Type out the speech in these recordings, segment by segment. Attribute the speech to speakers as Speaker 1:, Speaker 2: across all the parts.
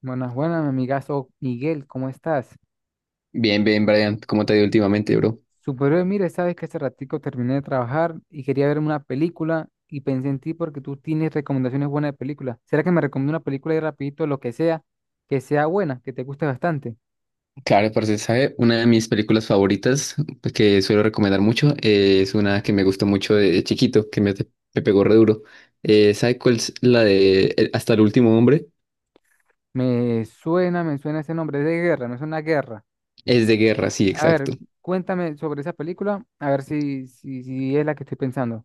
Speaker 1: Buenas, buenas, mi amigazo Miguel, ¿cómo estás?
Speaker 2: Bien, bien, Brian, ¿cómo te ha ido últimamente, bro?
Speaker 1: Superhéroe, mire, sabes que hace ratico terminé de trabajar y quería verme una película y pensé en ti porque tú tienes recomendaciones buenas de películas. ¿Será que me recomienda una película y rapidito lo que sea buena, que te guste bastante?
Speaker 2: Claro, parce, ¿sabe? Una de mis películas favoritas pues, que suelo recomendar mucho es una que me gustó mucho de chiquito, me pegó re duro. ¿Sabe cuál es la de Hasta el último hombre?
Speaker 1: Me suena, me suena, ese nombre es de guerra, me suena a guerra.
Speaker 2: Es de guerra, sí,
Speaker 1: A ver,
Speaker 2: exacto.
Speaker 1: cuéntame sobre esa película, a ver si es la que estoy pensando.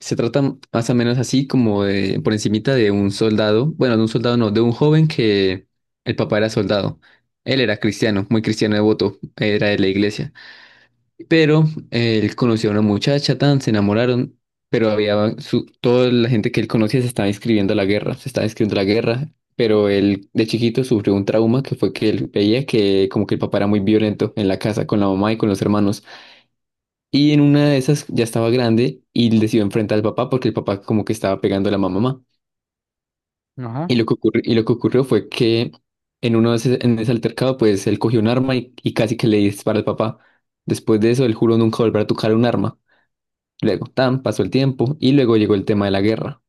Speaker 2: Se trata más o menos así como de, por encimita de un soldado, bueno, de un soldado no, de un joven que el papá era soldado. Él era cristiano, muy cristiano devoto, era de la iglesia. Pero él conoció a una muchacha, tan, se enamoraron, pero había su, toda la gente que él conocía se estaba inscribiendo a la guerra, pero él de chiquito sufrió un trauma que fue que él veía que como que el papá era muy violento en la casa con la mamá y con los hermanos. Y en una de esas ya estaba grande y él decidió enfrentar al papá porque el papá como que estaba pegando a la mamá.
Speaker 1: Ajá.
Speaker 2: Y lo que ocurrió fue que en uno de ese, en ese altercado pues él cogió un arma y casi que le dispara al papá. Después de eso él juró nunca volver a tocar un arma. Luego, tan, pasó el tiempo y luego llegó el tema de la guerra.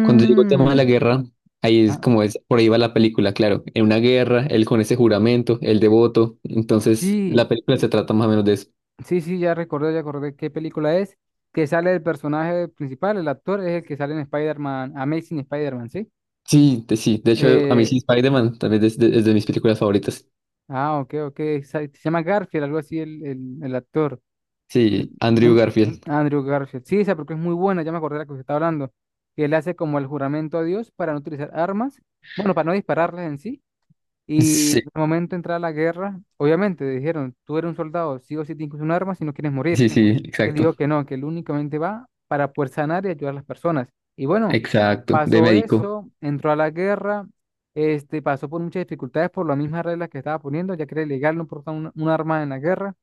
Speaker 2: Cuando llegó el tema de la guerra, ahí es como es, por ahí va la película, claro. En una guerra, él con ese juramento, el devoto. Entonces, la
Speaker 1: sí,
Speaker 2: película se trata más o menos de eso.
Speaker 1: Sí, sí, ya recordé, ya acordé qué película es, que sale el personaje principal, el actor es el que sale en Spider-Man, Amazing Spider-Man, ¿sí?
Speaker 2: Sí. De hecho, a mí sí,
Speaker 1: Eh,
Speaker 2: Spider-Man también es de mis películas favoritas.
Speaker 1: ah, ok, ok, se llama Garfield, algo así el actor, el-
Speaker 2: Sí, Andrew
Speaker 1: no-
Speaker 2: Garfield.
Speaker 1: Andrew Garfield. Sí, esa porque es muy buena, ya me acordé de la que usted está hablando, que él hace como el juramento a Dios para no utilizar armas, bueno, para no dispararlas en sí, y
Speaker 2: Sí,
Speaker 1: al momento de entrar a la guerra, obviamente dijeron, tú eres un soldado, sí o sí tienes que usar un arma si no quieres morir.
Speaker 2: sí, sí,
Speaker 1: Que
Speaker 2: exacto.
Speaker 1: dijo que no, que él únicamente va para poder sanar y ayudar a las personas. Y bueno,
Speaker 2: Exacto, de
Speaker 1: pasó
Speaker 2: médico.
Speaker 1: eso, entró a la guerra, pasó por muchas dificultades por las mismas reglas que estaba poniendo, ya que era ilegal no portar un arma en la guerra.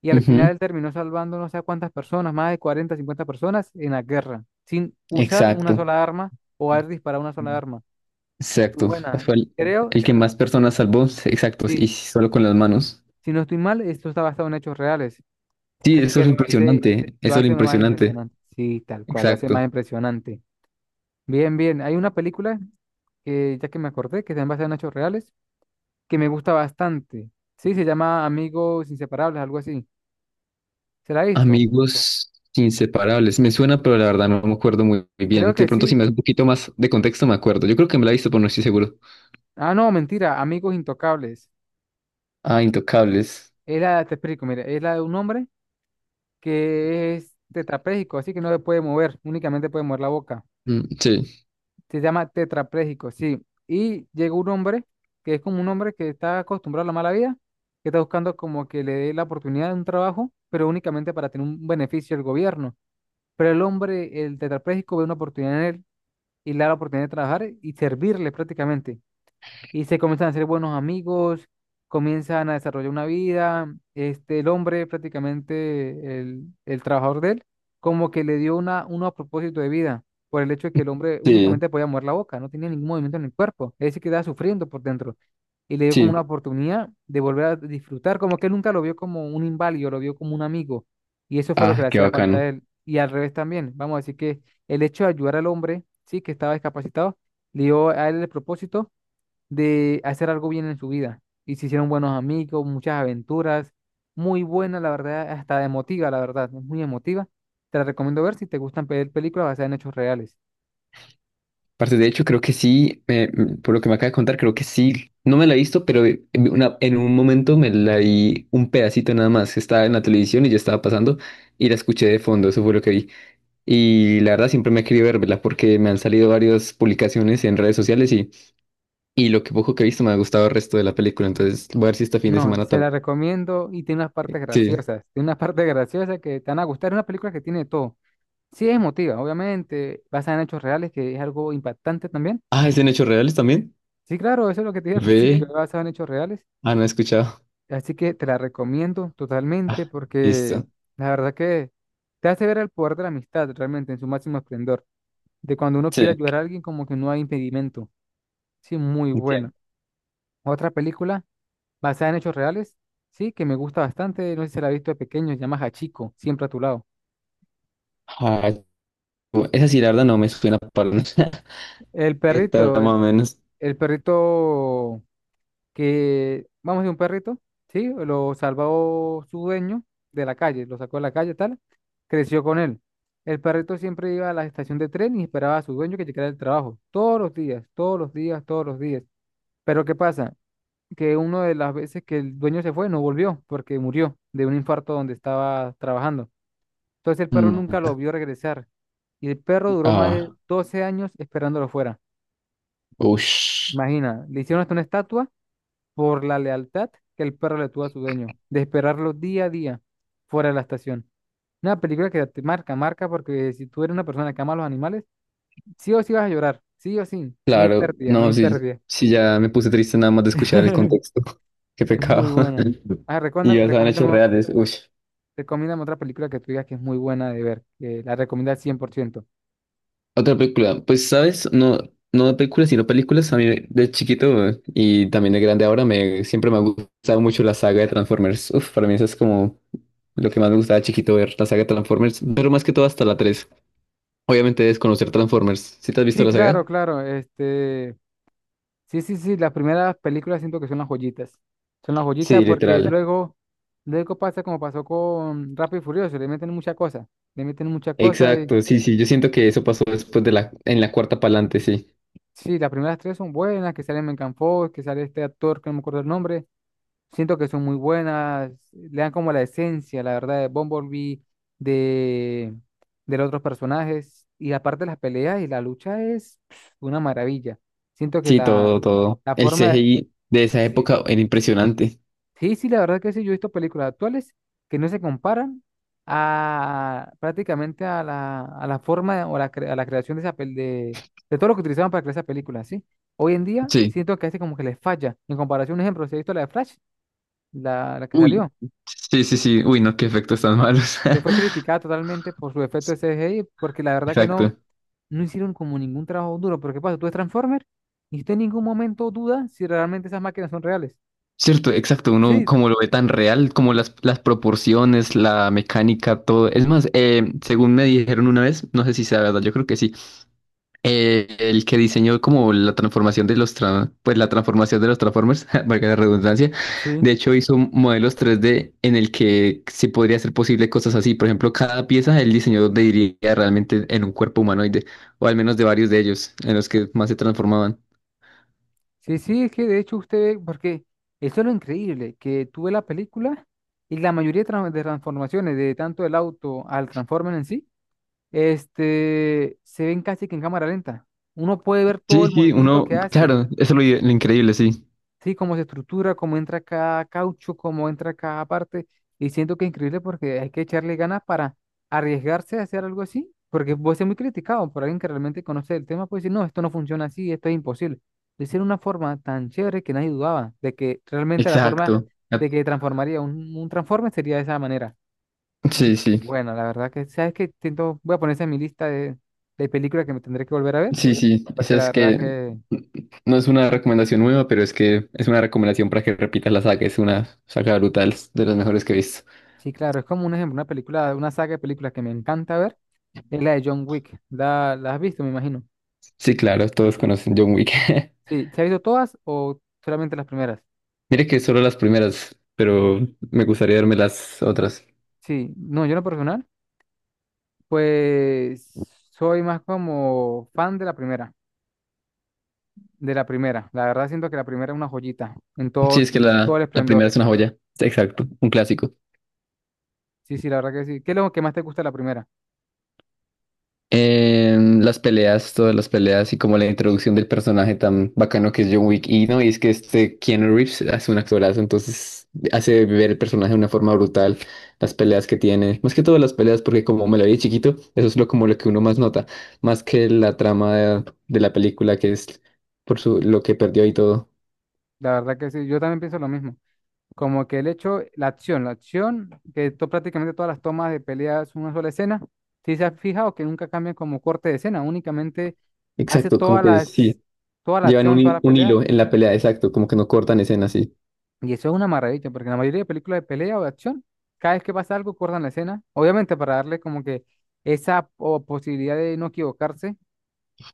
Speaker 1: Y al
Speaker 2: Ujú,
Speaker 1: final él terminó salvando no sé a cuántas personas, más de 40 50 personas en la guerra, sin usar una
Speaker 2: exacto.
Speaker 1: sola arma o haber disparado una sola arma. Muy
Speaker 2: Exacto.
Speaker 1: buena,
Speaker 2: Fue
Speaker 1: y creo,
Speaker 2: el
Speaker 1: si
Speaker 2: que
Speaker 1: no,
Speaker 2: más personas salvó, sí, exacto, y
Speaker 1: sí,
Speaker 2: solo con las manos.
Speaker 1: si no estoy mal, esto está basado en hechos reales.
Speaker 2: Sí,
Speaker 1: Así
Speaker 2: eso
Speaker 1: que
Speaker 2: es lo
Speaker 1: lo hace,
Speaker 2: impresionante,
Speaker 1: lo
Speaker 2: eso es lo
Speaker 1: hace más
Speaker 2: impresionante,
Speaker 1: impresionante. Sí, tal cual, lo hace más
Speaker 2: exacto.
Speaker 1: impresionante. Bien, bien. Hay una película que ya que me acordé, que se basa en hechos reales, que me gusta bastante. Sí, se llama Amigos Inseparables, algo así. ¿Se la ha visto?
Speaker 2: Amigos inseparables, me suena, pero la verdad no me acuerdo muy, muy bien.
Speaker 1: Creo
Speaker 2: De
Speaker 1: que
Speaker 2: pronto, si
Speaker 1: sí.
Speaker 2: me das un poquito más de contexto, me acuerdo. Yo creo que me la he visto, pero no estoy seguro.
Speaker 1: Ah, no, mentira, Amigos Intocables.
Speaker 2: Ah, Intocables.
Speaker 1: Es la, te explico, mira, es la de un hombre que es tetrapléjico, así que no se puede mover, únicamente puede mover la boca.
Speaker 2: Mm, sí,
Speaker 1: Se llama tetrapléjico, sí. Y llega un hombre que es como un hombre que está acostumbrado a la mala vida, que está buscando como que le dé la oportunidad de un trabajo, pero únicamente para tener un beneficio del gobierno. Pero el hombre, el tetrapléjico, ve una oportunidad en él y le da la oportunidad de trabajar y servirle prácticamente y se comienzan a hacer buenos amigos, comienzan a desarrollar una vida. El hombre, prácticamente el trabajador de él, como que le dio uno a propósito de vida por el hecho de que el hombre
Speaker 2: sí,
Speaker 1: únicamente podía mover la boca, no tenía ningún movimiento en el cuerpo, es decir, que sufriendo por dentro. Y le dio como una
Speaker 2: sí.
Speaker 1: oportunidad de volver a disfrutar, como que él nunca lo vio como un inválido, lo vio como un amigo. Y eso fue lo que
Speaker 2: Ah,
Speaker 1: le
Speaker 2: qué
Speaker 1: hacía falta
Speaker 2: bacano.
Speaker 1: a él. Y al revés también, vamos a decir que el hecho de ayudar al hombre, sí, que estaba discapacitado, le dio a él el propósito de hacer algo bien en su vida. Y se hicieron buenos amigos, muchas aventuras, muy buena, la verdad, hasta emotiva, la verdad, es muy emotiva. Te la recomiendo ver si te gustan ver películas basadas en hechos reales.
Speaker 2: Aparte, de hecho, creo que sí, por lo que me acaba de contar, creo que sí. No me la he visto, pero en un momento me la vi un pedacito nada más. Estaba en la televisión y yo estaba pasando y la escuché de fondo, eso fue lo que vi. Y la verdad siempre me he querido verla porque me han salido varias publicaciones en redes sociales y lo que poco que he visto me ha gustado el resto de la película. Entonces voy a ver si este fin de
Speaker 1: No,
Speaker 2: semana
Speaker 1: se la
Speaker 2: también.
Speaker 1: recomiendo y tiene unas partes
Speaker 2: Sí.
Speaker 1: graciosas, tiene unas partes graciosas que te van a gustar, es una película que tiene de todo. Sí es emotiva, obviamente, basada en hechos reales, que es algo impactante también.
Speaker 2: Ah, ¿es en hechos reales también?
Speaker 1: Sí, claro, eso es lo que te dije al principio,
Speaker 2: Ve.
Speaker 1: basado en hechos reales.
Speaker 2: Ah, no he escuchado.
Speaker 1: Así que te la recomiendo totalmente
Speaker 2: Ah,
Speaker 1: porque
Speaker 2: listo.
Speaker 1: la verdad que te hace ver el poder de la amistad realmente en su máximo esplendor. De cuando uno
Speaker 2: Sí,
Speaker 1: quiere ayudar a alguien como que no hay impedimento. Sí, muy buena.
Speaker 2: entiendo.
Speaker 1: Otra película basada en hechos reales, sí, que me gusta bastante. No sé si se la has visto de pequeño, se llama Hachiko, siempre a tu lado.
Speaker 2: Ah, bu- esa sí, la verdad no me suena para nada.
Speaker 1: El
Speaker 2: ¿Qué tal,
Speaker 1: perrito,
Speaker 2: más o
Speaker 1: el,
Speaker 2: menos?
Speaker 1: el perrito, que vamos de un perrito, ¿sí? Lo salvó su dueño de la calle, lo sacó de la calle, tal, creció con él. El perrito siempre iba a la estación de tren y esperaba a su dueño que llegara del trabajo, todos los días, todos los días, todos los días. Pero ¿qué pasa? Que una de las veces que el dueño se fue, no volvió porque murió de un infarto donde estaba trabajando. Entonces el perro nunca
Speaker 2: Mm.
Speaker 1: lo vio regresar y el perro duró más de
Speaker 2: Ah,
Speaker 1: 12 años esperándolo fuera.
Speaker 2: ush.
Speaker 1: Imagina, le hicieron hasta una estatua por la lealtad que el perro le tuvo a su dueño, de esperarlo día a día fuera de la estación. Una película que te marca, marca, porque si tú eres una persona que ama a los animales, sí o sí vas a llorar, sí o sí, no hay
Speaker 2: Claro,
Speaker 1: pérdida, no
Speaker 2: no,
Speaker 1: hay
Speaker 2: sí,
Speaker 1: pérdida.
Speaker 2: sí, ya me puse triste nada más de escuchar el contexto. Qué
Speaker 1: Es muy
Speaker 2: pecado.
Speaker 1: buena. Ah,
Speaker 2: Y ya saben hechos reales. Ush.
Speaker 1: recomiéndame otra película que tú digas que es muy buena de ver, que la recomiendas al 100%.
Speaker 2: Otra película, pues sabes, no, no de películas, sino películas. A mí de chiquito y también de grande ahora me siempre me ha gustado mucho la saga de Transformers. Uf, para mí eso es como lo que más me gustaba de chiquito ver la saga de Transformers, pero más que todo hasta la tres. Obviamente desconocer Transformers. ¿Sí te has visto
Speaker 1: Sí,
Speaker 2: la
Speaker 1: claro,
Speaker 2: saga?
Speaker 1: claro. Sí, sí, sí, las primeras películas siento que son las joyitas. Son las
Speaker 2: Sí,
Speaker 1: joyitas porque
Speaker 2: literal.
Speaker 1: luego pasa como pasó con Rápido y Furioso, le meten muchas cosas, le meten muchas cosas y
Speaker 2: Exacto, sí, sí. Yo siento que eso pasó después de la, en la cuarta pa'lante, sí.
Speaker 1: sí, las primeras tres son buenas, que sale Megan Fox, que sale este actor que no me acuerdo el nombre, siento que son muy buenas, le dan como la esencia, la verdad, de Bumblebee, de, de los otros personajes, y aparte las peleas y la lucha es pf, una maravilla. Siento que
Speaker 2: Sí, todo, todo.
Speaker 1: la
Speaker 2: El
Speaker 1: forma,
Speaker 2: CGI de esa
Speaker 1: sí.
Speaker 2: época era impresionante.
Speaker 1: Sí, sí, la verdad que sí, yo he visto películas actuales que no se comparan a prácticamente a la forma o a la creación de de todo lo que utilizaban para crear esa película, ¿sí? Hoy en día
Speaker 2: Sí.
Speaker 1: siento que a veces como que les falla. En comparación, un ejemplo, si he visto la de Flash, la que
Speaker 2: Uy,
Speaker 1: salió,
Speaker 2: sí, sí, sí. Uy, no, qué efectos tan malos.
Speaker 1: que fue criticada totalmente por su efecto de CGI, porque la verdad que no,
Speaker 2: Exacto.
Speaker 1: no hicieron como ningún trabajo duro. Porque pasa, tú ves Transformers y usted en ningún momento duda si realmente esas máquinas son reales.
Speaker 2: Cierto, exacto. Uno
Speaker 1: Sí,
Speaker 2: como lo ve tan real, como las proporciones, la mecánica, todo. Es más, según me dijeron una vez, no sé si sea verdad, yo creo que sí. El que diseñó como la transformación de pues la transformación de los Transformers, valga la redundancia.
Speaker 1: Sí.
Speaker 2: De hecho, hizo modelos 3D en el que se podría hacer posible cosas así. Por ejemplo, cada pieza el diseñador diría realmente en un cuerpo humanoide, o al menos de varios de ellos, en los que más se transformaban.
Speaker 1: Sí, sí, es que de hecho usted ve, porque eso es lo increíble, que tuve la película y la mayoría de transformaciones, de tanto el auto al Transformer en sí, se ven casi que en cámara lenta. Uno puede ver todo
Speaker 2: Sí,
Speaker 1: el
Speaker 2: sí,
Speaker 1: movimiento
Speaker 2: uno,
Speaker 1: que hace.
Speaker 2: claro, eso es lo increíble, sí.
Speaker 1: Sí, cómo se estructura, cómo entra cada caucho, cómo entra cada parte. Y siento que es increíble porque hay que echarle ganas para arriesgarse a hacer algo así, porque puede ser muy criticado por alguien que realmente conoce el tema, puede decir, no, esto no funciona así, esto es imposible. Lo hicieron de una forma tan chévere que nadie dudaba de que realmente la forma
Speaker 2: Exacto. Ah,
Speaker 1: de que transformaría un transforme sería de esa manera.
Speaker 2: sí,
Speaker 1: Y
Speaker 2: sí,
Speaker 1: bueno, la verdad que, sabes que siento, voy a poner esa en mi lista de películas que me tendré que volver a ver,
Speaker 2: sí, sí. Esa
Speaker 1: porque la
Speaker 2: es
Speaker 1: verdad
Speaker 2: que
Speaker 1: que
Speaker 2: no es una recomendación nueva, pero es que es una recomendación para que repitas la saga. Es una saga brutal, de las mejores que he visto.
Speaker 1: sí, claro, es como un ejemplo, una película, una saga de películas que me encanta ver, es la de John Wick. ¿La has visto, me imagino?
Speaker 2: Sí, claro, todos conocen John Wick.
Speaker 1: Sí, ¿se has visto todas o solamente las primeras?
Speaker 2: Mire que solo las primeras, pero me gustaría verme las otras.
Speaker 1: Sí, no, yo en lo personal, pues soy más como fan de la primera, de la primera. La verdad siento que la primera es una joyita en
Speaker 2: Sí,
Speaker 1: todo,
Speaker 2: es que
Speaker 1: todo el
Speaker 2: la
Speaker 1: esplendor.
Speaker 2: primera es una joya. Exacto, un clásico.
Speaker 1: Sí, sí, la verdad que sí. ¿Qué es lo que más te gusta de la primera?
Speaker 2: En las peleas, todas las peleas y como la introducción del personaje tan bacano que es John Wick. Y no, y es que este Keanu Reeves hace un actorazo, entonces hace ver el personaje de una forma brutal. Las peleas que tiene, más que todas las peleas, porque como me la vi de chiquito, eso es lo, como lo que uno más nota, más que la trama de la película, que es por su, lo que perdió y todo.
Speaker 1: La verdad que sí, yo también pienso lo mismo. Como que el hecho, la acción, que prácticamente todas las tomas de pelea es una sola escena. Si se ha fijado que nunca cambian como corte de escena, únicamente hace
Speaker 2: Exacto, como que sí,
Speaker 1: toda la
Speaker 2: llevan un,
Speaker 1: acción, toda
Speaker 2: hi-
Speaker 1: la
Speaker 2: un
Speaker 1: pelea.
Speaker 2: hilo en la pelea, exacto, como que no cortan escenas, sí.
Speaker 1: Y eso es una maravilla, porque en la mayoría de películas de pelea o de acción, cada vez que pasa algo, cortan la escena. Obviamente para darle como que esa posibilidad de no equivocarse.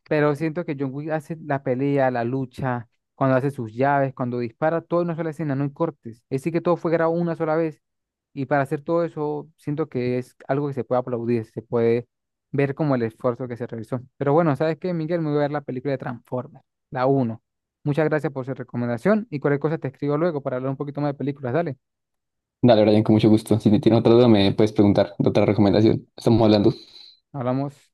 Speaker 1: Pero siento que John Wick hace la pelea, la lucha, cuando hace sus llaves, cuando dispara, todo en una sola escena, no hay cortes. Es decir, que todo fue grabado una sola vez. Y para hacer todo eso, siento que es algo que se puede aplaudir, se puede ver como el esfuerzo que se realizó. Pero bueno, ¿sabes qué, Miguel? Me voy a ver la película de Transformers, la uno. Muchas gracias por su recomendación y cualquier cosa te escribo luego para hablar un poquito más de películas. Dale,
Speaker 2: Dale, Brian, con mucho gusto. Si tienes otra duda, me puedes preguntar, otra recomendación. Estamos hablando.
Speaker 1: hablamos.